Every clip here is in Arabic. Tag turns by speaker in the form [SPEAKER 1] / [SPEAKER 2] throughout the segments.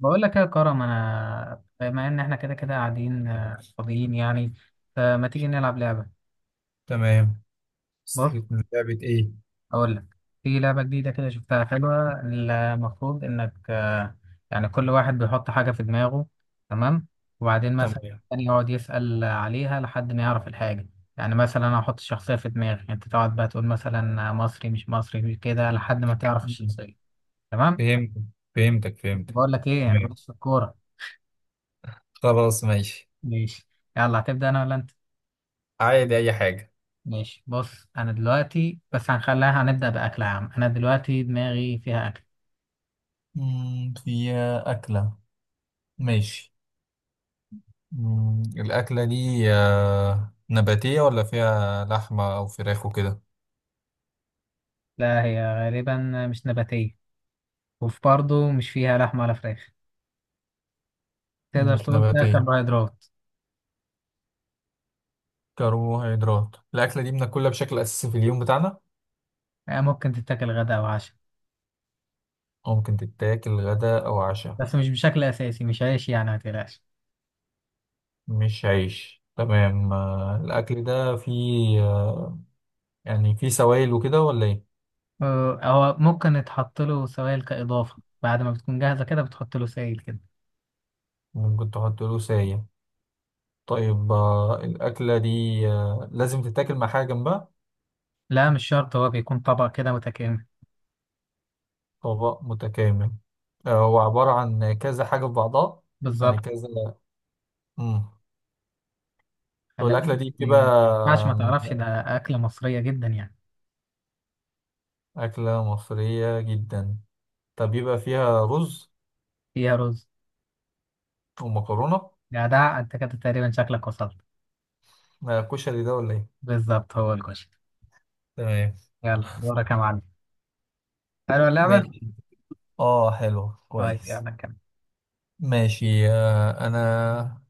[SPEAKER 1] بقول لك إيه يا كرم؟ انا بما ان احنا كده كده قاعدين فاضيين يعني. فما تيجي نلعب لعبه.
[SPEAKER 2] تمام.
[SPEAKER 1] بص،
[SPEAKER 2] سيت من لعبة ايه؟
[SPEAKER 1] اقول لك. في لعبه جديده كده، شفتها حلوه. المفروض انك يعني كل واحد بيحط حاجه في دماغه، تمام؟ وبعدين مثلا
[SPEAKER 2] تمام.
[SPEAKER 1] التاني يقعد يسال عليها لحد ما يعرف الحاجه. يعني مثلا انا احط الشخصيه في دماغي، انت تقعد بقى تقول مثلا مصري، مش مصري، مش كده، لحد ما تعرف
[SPEAKER 2] مم.
[SPEAKER 1] الشخصيه. تمام.
[SPEAKER 2] فهمت. فهمتك فهمتك.
[SPEAKER 1] بقول لك ايه، انا
[SPEAKER 2] تمام.
[SPEAKER 1] ماليش في الكوره.
[SPEAKER 2] خلاص، ماشي.
[SPEAKER 1] ماشي. يلا، هتبدا انا ولا انت؟
[SPEAKER 2] عادي، اي حاجة.
[SPEAKER 1] ماشي. بص، انا دلوقتي بس هنخليها، هنبدأ بأكل عام. انا دلوقتي دماغي فيها اكل.
[SPEAKER 2] في أكلة. ماشي. الأكلة دي نباتية ولا فيها لحمة أو فراخ وكده؟
[SPEAKER 1] لا، هي غالبا مش نباتية، وفي برضه مش فيها لحم ولا فراخ. تقدر
[SPEAKER 2] مش
[SPEAKER 1] تقول فيها
[SPEAKER 2] نباتية.
[SPEAKER 1] كربوهيدرات.
[SPEAKER 2] كربوهيدرات. الأكلة دي بناكلها بشكل أساسي في اليوم بتاعنا؟
[SPEAKER 1] ممكن تتاكل غدا او عشاء،
[SPEAKER 2] أو ممكن تتاكل غدا أو عشاء.
[SPEAKER 1] بس مش بشكل اساسي، مش عيش يعني، ما تقلقش.
[SPEAKER 2] مش عيش، تمام. الأكل ده فيه، يعني فيه سوائل وكده ولا إيه؟
[SPEAKER 1] هو ممكن يتحط له سوائل كإضافة، بعد ما بتكون جاهزة كده بتحط له سائل كده.
[SPEAKER 2] ممكن تحط له ساية. طيب، الأكلة دي لازم تتاكل مع حاجة جنبها؟
[SPEAKER 1] لا، مش شرط، هو بيكون طبق كده متكامل.
[SPEAKER 2] طبق متكامل. هو عبارة عن كذا حاجة في بعضها؟ يعني
[SPEAKER 1] بالظبط.
[SPEAKER 2] كذا. مم. طب
[SPEAKER 1] خلي بالك.
[SPEAKER 2] الأكلة دي بتبقى،
[SPEAKER 1] ما ينفعش ما
[SPEAKER 2] آم،
[SPEAKER 1] تعرفش ده، أكلة مصرية جدا يعني.
[SPEAKER 2] أكلة مصرية جدا. طب يبقى فيها رز
[SPEAKER 1] فيها رز.
[SPEAKER 2] ومكرونة.
[SPEAKER 1] جدع انت، كده تقريبا شكلك وصلت.
[SPEAKER 2] كشري ده ولا إيه؟
[SPEAKER 1] بالظبط، هو الكشري.
[SPEAKER 2] تمام.
[SPEAKER 1] يلا دورك يا معلم. حلوة اللعبة.
[SPEAKER 2] ماشي، اه حلو
[SPEAKER 1] طيب
[SPEAKER 2] كويس.
[SPEAKER 1] يلا كمل.
[SPEAKER 2] ماشي. أنا.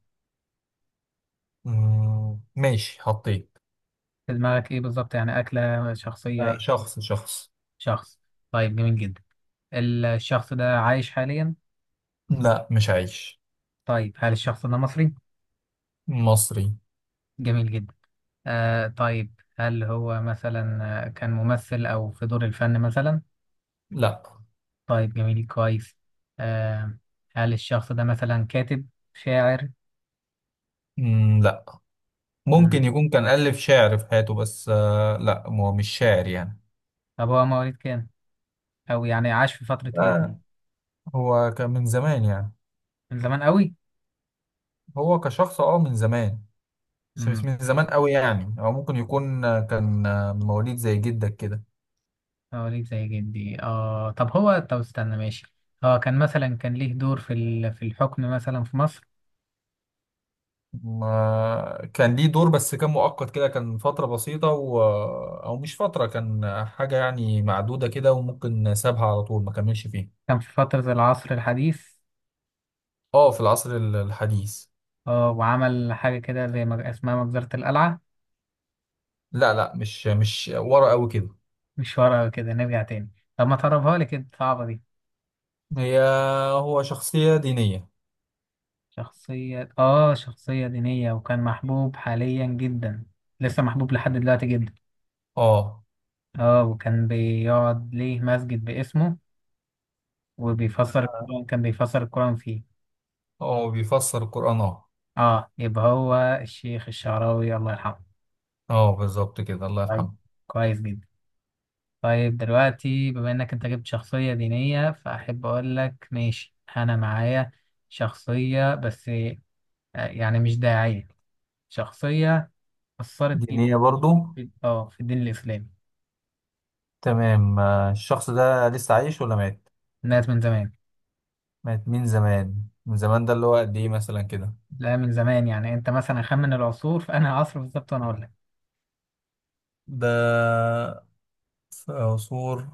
[SPEAKER 2] ماشي، حطيت.
[SPEAKER 1] في دماغك ايه بالظبط؟ يعني أكلة، شخصية، ايه؟
[SPEAKER 2] شخص شخص.
[SPEAKER 1] شخص. طيب جميل جدا. الشخص ده عايش حاليا؟
[SPEAKER 2] لا، مش عايش.
[SPEAKER 1] طيب، هل الشخص ده مصري؟
[SPEAKER 2] مصري.
[SPEAKER 1] جميل جدا. آه طيب، هل هو مثلا كان ممثل أو في دور الفن مثلا؟
[SPEAKER 2] لا.
[SPEAKER 1] طيب جميل، كويس. آه، هل الشخص ده مثلا كاتب، شاعر؟
[SPEAKER 2] لا. ممكن
[SPEAKER 1] مم.
[SPEAKER 2] يكون كان ألف شعر في حياته، بس لا، هو مش شاعر يعني.
[SPEAKER 1] طب هو مواليد كام؟ أو يعني عاش في فترة ايه؟
[SPEAKER 2] آه، هو كان من زمان يعني.
[SPEAKER 1] من زمان قوي؟
[SPEAKER 2] هو كشخص من زمان. بس مش
[SPEAKER 1] امم.
[SPEAKER 2] من زمان قوي يعني، او ممكن يكون كان مواليد زي جدك كده.
[SPEAKER 1] هوريك زي جدي، اه. طب هو، طب استنى، ماشي. هو كان مثلا كان ليه دور في في الحكم مثلا في مصر؟
[SPEAKER 2] ما كان ليه دور، بس كان مؤقت كده، كان فترة بسيطة و... آه، او مش فترة، كان حاجة يعني معدودة كده وممكن سابها على طول، ما كملش فيها.
[SPEAKER 1] كان في فترة العصر الحديث؟
[SPEAKER 2] اه، في العصر الحديث.
[SPEAKER 1] اه، وعمل حاجة كده زي ما اسمها مجزرة القلعة؟
[SPEAKER 2] لا لا، مش ورا قوي كده.
[SPEAKER 1] مش ورقة كده، نرجع تاني. طب ما تقربها لي كده، صعبة دي.
[SPEAKER 2] هي. هو شخصية دينية.
[SPEAKER 1] شخصية، اه. شخصية دينية وكان محبوب حاليا جدا. لسه محبوب لحد دلوقتي جدا.
[SPEAKER 2] اه،
[SPEAKER 1] اه، وكان بيقعد ليه مسجد باسمه، وبيفسر القرآن، كان بيفسر القرآن فيه.
[SPEAKER 2] هو بيفسر القرآن اه.
[SPEAKER 1] اه يبقى هو الشيخ الشعراوي، الله يرحمه.
[SPEAKER 2] اه، بالظبط كده، الله
[SPEAKER 1] طيب،
[SPEAKER 2] يرحمه.
[SPEAKER 1] كويس جدا. طيب دلوقتي بما انك انت جبت شخصية دينية، فاحب اقول لك ماشي، انا معايا شخصية بس يعني مش داعية، شخصية أثرت جدا
[SPEAKER 2] دينية برضو.
[SPEAKER 1] في اه في الدين الإسلامي.
[SPEAKER 2] تمام. الشخص ده لسه عايش ولا مات؟
[SPEAKER 1] الناس من زمان.
[SPEAKER 2] مات من زمان. من زمان ده اللي هو قد ايه مثلا كده؟
[SPEAKER 1] لا، من زمان. يعني انت مثلا خمن العصور، فانا عصر بالظبط وانا اقول لك.
[SPEAKER 2] ده، في عصور.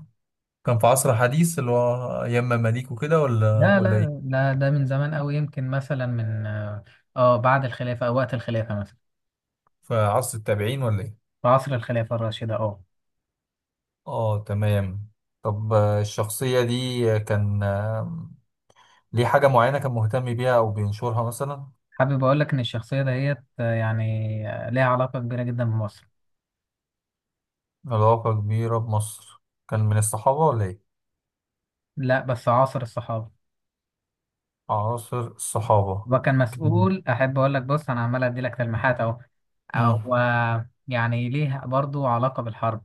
[SPEAKER 2] كان في عصر حديث اللي هو أيام مماليك وكده، ولا
[SPEAKER 1] لا
[SPEAKER 2] ولا ايه؟
[SPEAKER 1] لا لا، ده من زمان قوي، يمكن مثلا من اه بعد الخلافة او وقت الخلافة مثلا.
[SPEAKER 2] في عصر التابعين ولا ايه؟
[SPEAKER 1] في عصر الخلافة الراشدة، اه.
[SPEAKER 2] اه، تمام. طب الشخصية دي كان ليه حاجة معينة كان مهتم بيها أو بينشرها مثلا؟
[SPEAKER 1] حابب اقول لك ان الشخصيه دهيت يعني ليها علاقه كبيره جدا بمصر.
[SPEAKER 2] علاقة كبيرة بمصر. كان من الصحابة ولا إيه؟
[SPEAKER 1] لا، بس عاصر الصحابه.
[SPEAKER 2] عصر الصحابة.
[SPEAKER 1] وكان
[SPEAKER 2] كان.
[SPEAKER 1] مسؤول، احب اقول لك، بص انا عمال ادي لك تلميحات اهو.
[SPEAKER 2] مم.
[SPEAKER 1] هو يعني ليه برضو علاقه بالحرب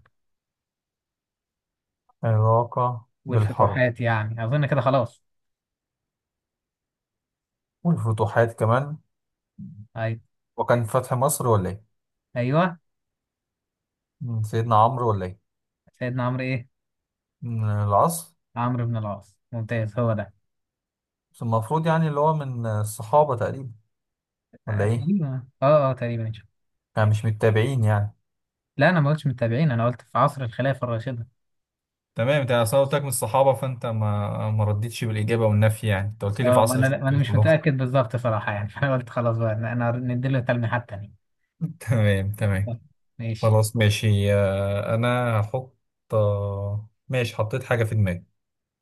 [SPEAKER 2] علاقة بالحرب.
[SPEAKER 1] والفتوحات، يعني اظن كده خلاص.
[SPEAKER 2] والفتوحات كمان.
[SPEAKER 1] ايوه.
[SPEAKER 2] وكان فتح مصر ولا إيه؟
[SPEAKER 1] ايوه.
[SPEAKER 2] مم. سيدنا عمرو ولا إيه؟
[SPEAKER 1] سيدنا عمرو ايه؟
[SPEAKER 2] من العصر.
[SPEAKER 1] عمرو بن العاص، ممتاز، هو ده.
[SPEAKER 2] بس المفروض يعني اللي هو من الصحابة تقريبا، ولا إيه؟
[SPEAKER 1] تقريبا اه اه تقريبا إن شاء الله.
[SPEAKER 2] يعني مش متابعين يعني.
[SPEAKER 1] لا، انا ما قلتش متابعين، انا قلت في عصر الخلافه الراشده.
[SPEAKER 2] تمام، انت اصلا قلت لك من الصحابه، فانت ما ردتش بالاجابه والنفي، يعني انت قلت لي
[SPEAKER 1] اه
[SPEAKER 2] في
[SPEAKER 1] ما
[SPEAKER 2] عصر
[SPEAKER 1] انا،
[SPEAKER 2] الخلافه.
[SPEAKER 1] ما انا مش
[SPEAKER 2] خلاص.
[SPEAKER 1] متاكد بالظبط صراحه يعني فانا قلت خلاص بقى، أنا نديله تلميحات تانية.
[SPEAKER 2] تمام، تمام.
[SPEAKER 1] طب، ماشي.
[SPEAKER 2] خلاص، ماشي. انا هحط. ماشي، حطيت حاجة في دماغي.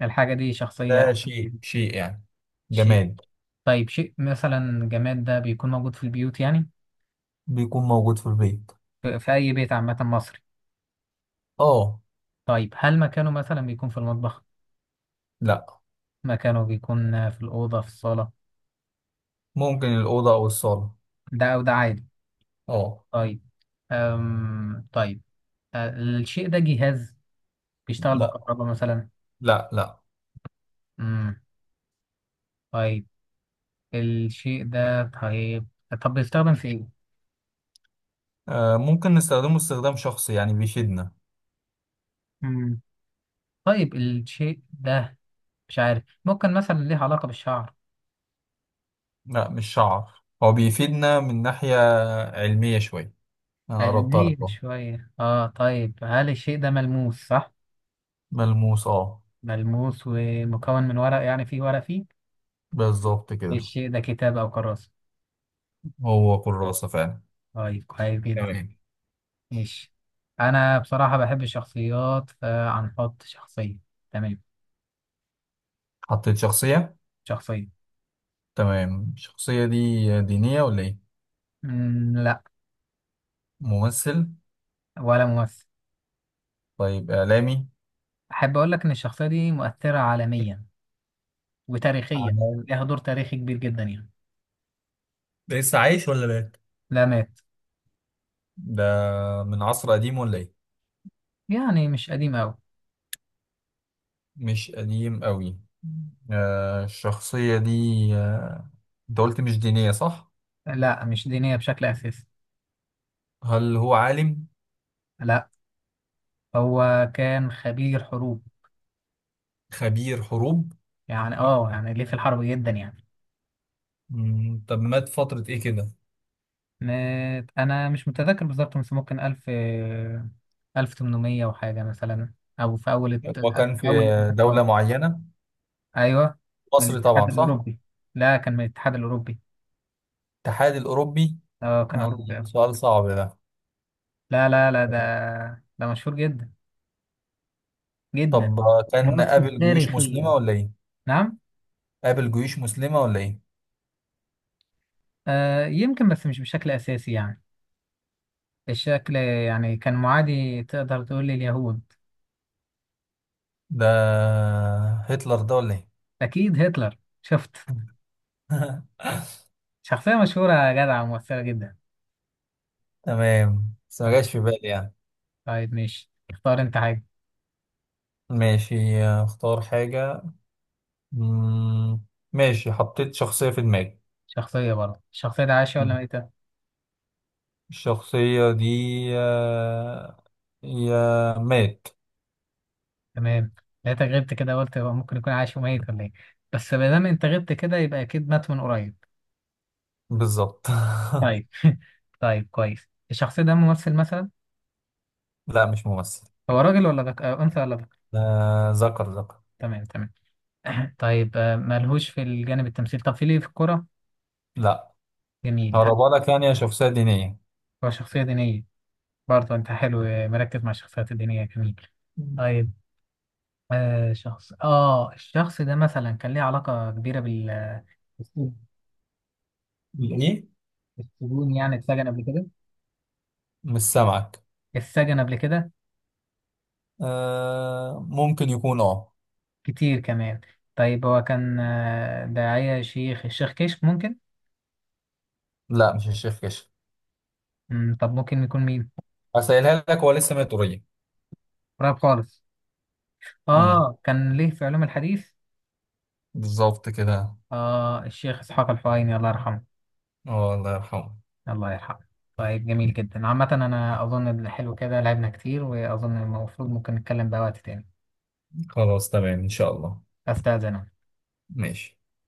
[SPEAKER 1] الحاجة دي شخصية؟
[SPEAKER 2] ده شيء شيء يعني.
[SPEAKER 1] شيء.
[SPEAKER 2] جماد.
[SPEAKER 1] طيب، شيء مثلا جماد ده بيكون موجود في البيوت يعني؟
[SPEAKER 2] بيكون موجود في البيت.
[SPEAKER 1] في في أي بيت عامة مصري؟
[SPEAKER 2] اه.
[SPEAKER 1] طيب، هل مكانه مثلا بيكون في المطبخ؟
[SPEAKER 2] لا،
[SPEAKER 1] مكانه بيكون في الأوضة، في الصالة؟
[SPEAKER 2] ممكن الأوضة او الصالة.
[SPEAKER 1] ده أو ده عادي.
[SPEAKER 2] اه.
[SPEAKER 1] طيب. أم طيب. أه، الشيء ده جهاز بيشتغل
[SPEAKER 2] لا
[SPEAKER 1] بالكهرباء مثلا؟
[SPEAKER 2] لا لا.
[SPEAKER 1] امم. طيب الشيء ده، طيب، طب بيستخدم في إيه؟
[SPEAKER 2] ممكن نستخدمه استخدام شخصي، يعني بيفيدنا.
[SPEAKER 1] امم. طيب الشيء ده، مش عارف، ممكن مثلا ليه علاقة بالشعر؟
[SPEAKER 2] لا، مش شعر، هو بيفيدنا من ناحية علمية شوية. انا قربتها لك
[SPEAKER 1] قلبيه
[SPEAKER 2] اهو.
[SPEAKER 1] شوية، اه. طيب هل الشيء ده ملموس، صح؟
[SPEAKER 2] ملموس، اه.
[SPEAKER 1] ملموس ومكون من ورق، يعني فيه ورق فيه؟
[SPEAKER 2] بالظبط كده.
[SPEAKER 1] الشيء ده كتاب أو كراسة؟
[SPEAKER 2] هو كراسة فعلا.
[SPEAKER 1] طيب كويس جدا.
[SPEAKER 2] تمام.
[SPEAKER 1] ماشي. أنا بصراحة بحب الشخصيات، فهنحط شخصية. تمام.
[SPEAKER 2] حطيت شخصية.
[SPEAKER 1] شخصية.
[SPEAKER 2] تمام. الشخصية دي دينية ولا إيه؟
[SPEAKER 1] مم لا.
[SPEAKER 2] ممثل؟
[SPEAKER 1] ولا ممثل.
[SPEAKER 2] طيب، إعلامي؟
[SPEAKER 1] أحب أقول لك إن الشخصية دي مؤثرة عالميا وتاريخيا،
[SPEAKER 2] عمل.
[SPEAKER 1] لها دور تاريخي كبير جدا يعني.
[SPEAKER 2] ده لسه عايش ولا مات؟
[SPEAKER 1] لا، مات.
[SPEAKER 2] ده من عصر قديم ولا إيه؟
[SPEAKER 1] يعني مش قديم أوي.
[SPEAKER 2] مش قديم أوي. الشخصية دي آه، أنت قلت مش دينية، صح؟
[SPEAKER 1] لا، مش دينية بشكل أساسي.
[SPEAKER 2] هل هو عالم؟
[SPEAKER 1] لا. هو كان خبير حروب.
[SPEAKER 2] خبير حروب؟
[SPEAKER 1] يعني اه، يعني ليه في الحرب جدا يعني.
[SPEAKER 2] طب مات فترة إيه كده؟
[SPEAKER 1] انا مش متذكر بالظبط، بس ممكن الف، الف تمنمية وحاجة مثلا، او في اول
[SPEAKER 2] هو كان في
[SPEAKER 1] اول.
[SPEAKER 2] دولة معينة.
[SPEAKER 1] ايوه. من
[SPEAKER 2] مصر
[SPEAKER 1] الاتحاد
[SPEAKER 2] طبعا، صح؟
[SPEAKER 1] الاوروبي. لا، كان من الاتحاد الاوروبي.
[SPEAKER 2] الاتحاد الأوروبي.
[SPEAKER 1] اه، كان
[SPEAKER 2] آه،
[SPEAKER 1] اوروبي أصلاً.
[SPEAKER 2] سؤال صعب ده.
[SPEAKER 1] لا لا لا، ده، ده مشهور جدا جدا،
[SPEAKER 2] طب كان
[SPEAKER 1] مؤثر
[SPEAKER 2] قابل جيوش مسلمة
[SPEAKER 1] تاريخيا.
[SPEAKER 2] ولا إيه؟
[SPEAKER 1] نعم.
[SPEAKER 2] قابل جيوش مسلمة ولا ايه؟
[SPEAKER 1] آه يمكن، بس مش بشكل اساسي يعني. الشكل يعني كان معادي، تقدر تقول لليهود.
[SPEAKER 2] ده هتلر ده ولا ايه؟
[SPEAKER 1] اكيد هتلر، شفت؟ شخصية مشهورة يا جدع ومؤثرة جدا.
[SPEAKER 2] تمام، بس ما
[SPEAKER 1] تمام.
[SPEAKER 2] جاش في بالي يعني.
[SPEAKER 1] طيب ماشي، اختار انت حاجة.
[SPEAKER 2] ماشي، اختار حاجة. مم، ماشي، حطيت شخصية في دماغي.
[SPEAKER 1] شخصية برضه. الشخصية دي عايشة ولا
[SPEAKER 2] مم.
[SPEAKER 1] ميتة؟
[SPEAKER 2] الشخصية دي آه، هي مات.
[SPEAKER 1] تمام. لقيتك غبت كده، قلت هو ممكن يكون عايش وميت ولا ايه، بس ما دام انت غبت كده يبقى اكيد مات من قريب.
[SPEAKER 2] بالظبط.
[SPEAKER 1] طيب طيب كويس. الشخص ده ممثل مثلا؟
[SPEAKER 2] لا، مش ممثل.
[SPEAKER 1] هو راجل ولا آه، أنثى ولا ذكر؟
[SPEAKER 2] ذكر ذكر.
[SPEAKER 1] تمام تمام. طيب ملهوش في الجانب التمثيل، طب في ليه في الكورة؟
[SPEAKER 2] لا.
[SPEAKER 1] جميل. هل
[SPEAKER 2] هقربها لك، يعني هي شخصية دينية.
[SPEAKER 1] هو شخصية دينية؟ برضه أنت حلو، مركز مع الشخصيات الدينية، جميل.
[SPEAKER 2] مم.
[SPEAKER 1] طيب، آه شخص، آه الشخص ده مثلا كان ليه علاقة كبيرة بال
[SPEAKER 2] ايه.
[SPEAKER 1] السجون، يعني اتسجن قبل كده؟
[SPEAKER 2] مش سامعك.
[SPEAKER 1] اتسجن قبل كده
[SPEAKER 2] ممكن يكون
[SPEAKER 1] كتير كمان. طيب هو كان داعية، شيخ، الشيخ كشك ممكن؟
[SPEAKER 2] لا، مش الشيخ كشك.
[SPEAKER 1] مم، طب ممكن يكون مين؟
[SPEAKER 2] هسألها لك، هو لسه ميت قريب.
[SPEAKER 1] قريب خالص.
[SPEAKER 2] امم.
[SPEAKER 1] اه، كان ليه في علوم الحديث.
[SPEAKER 2] بالظبط كده.
[SPEAKER 1] اه الشيخ اسحاق الفهيمي، الله يرحمه.
[SPEAKER 2] اه، الله يرحمه.
[SPEAKER 1] الله يرحمه. طيب جميل جدا. عامة انا اظن إن حلو كده، لعبنا كتير، واظن المفروض ممكن نتكلم بقى وقت تاني.
[SPEAKER 2] خلاص، تمام إن شاء الله.
[SPEAKER 1] استاذن أنا.
[SPEAKER 2] ماشي.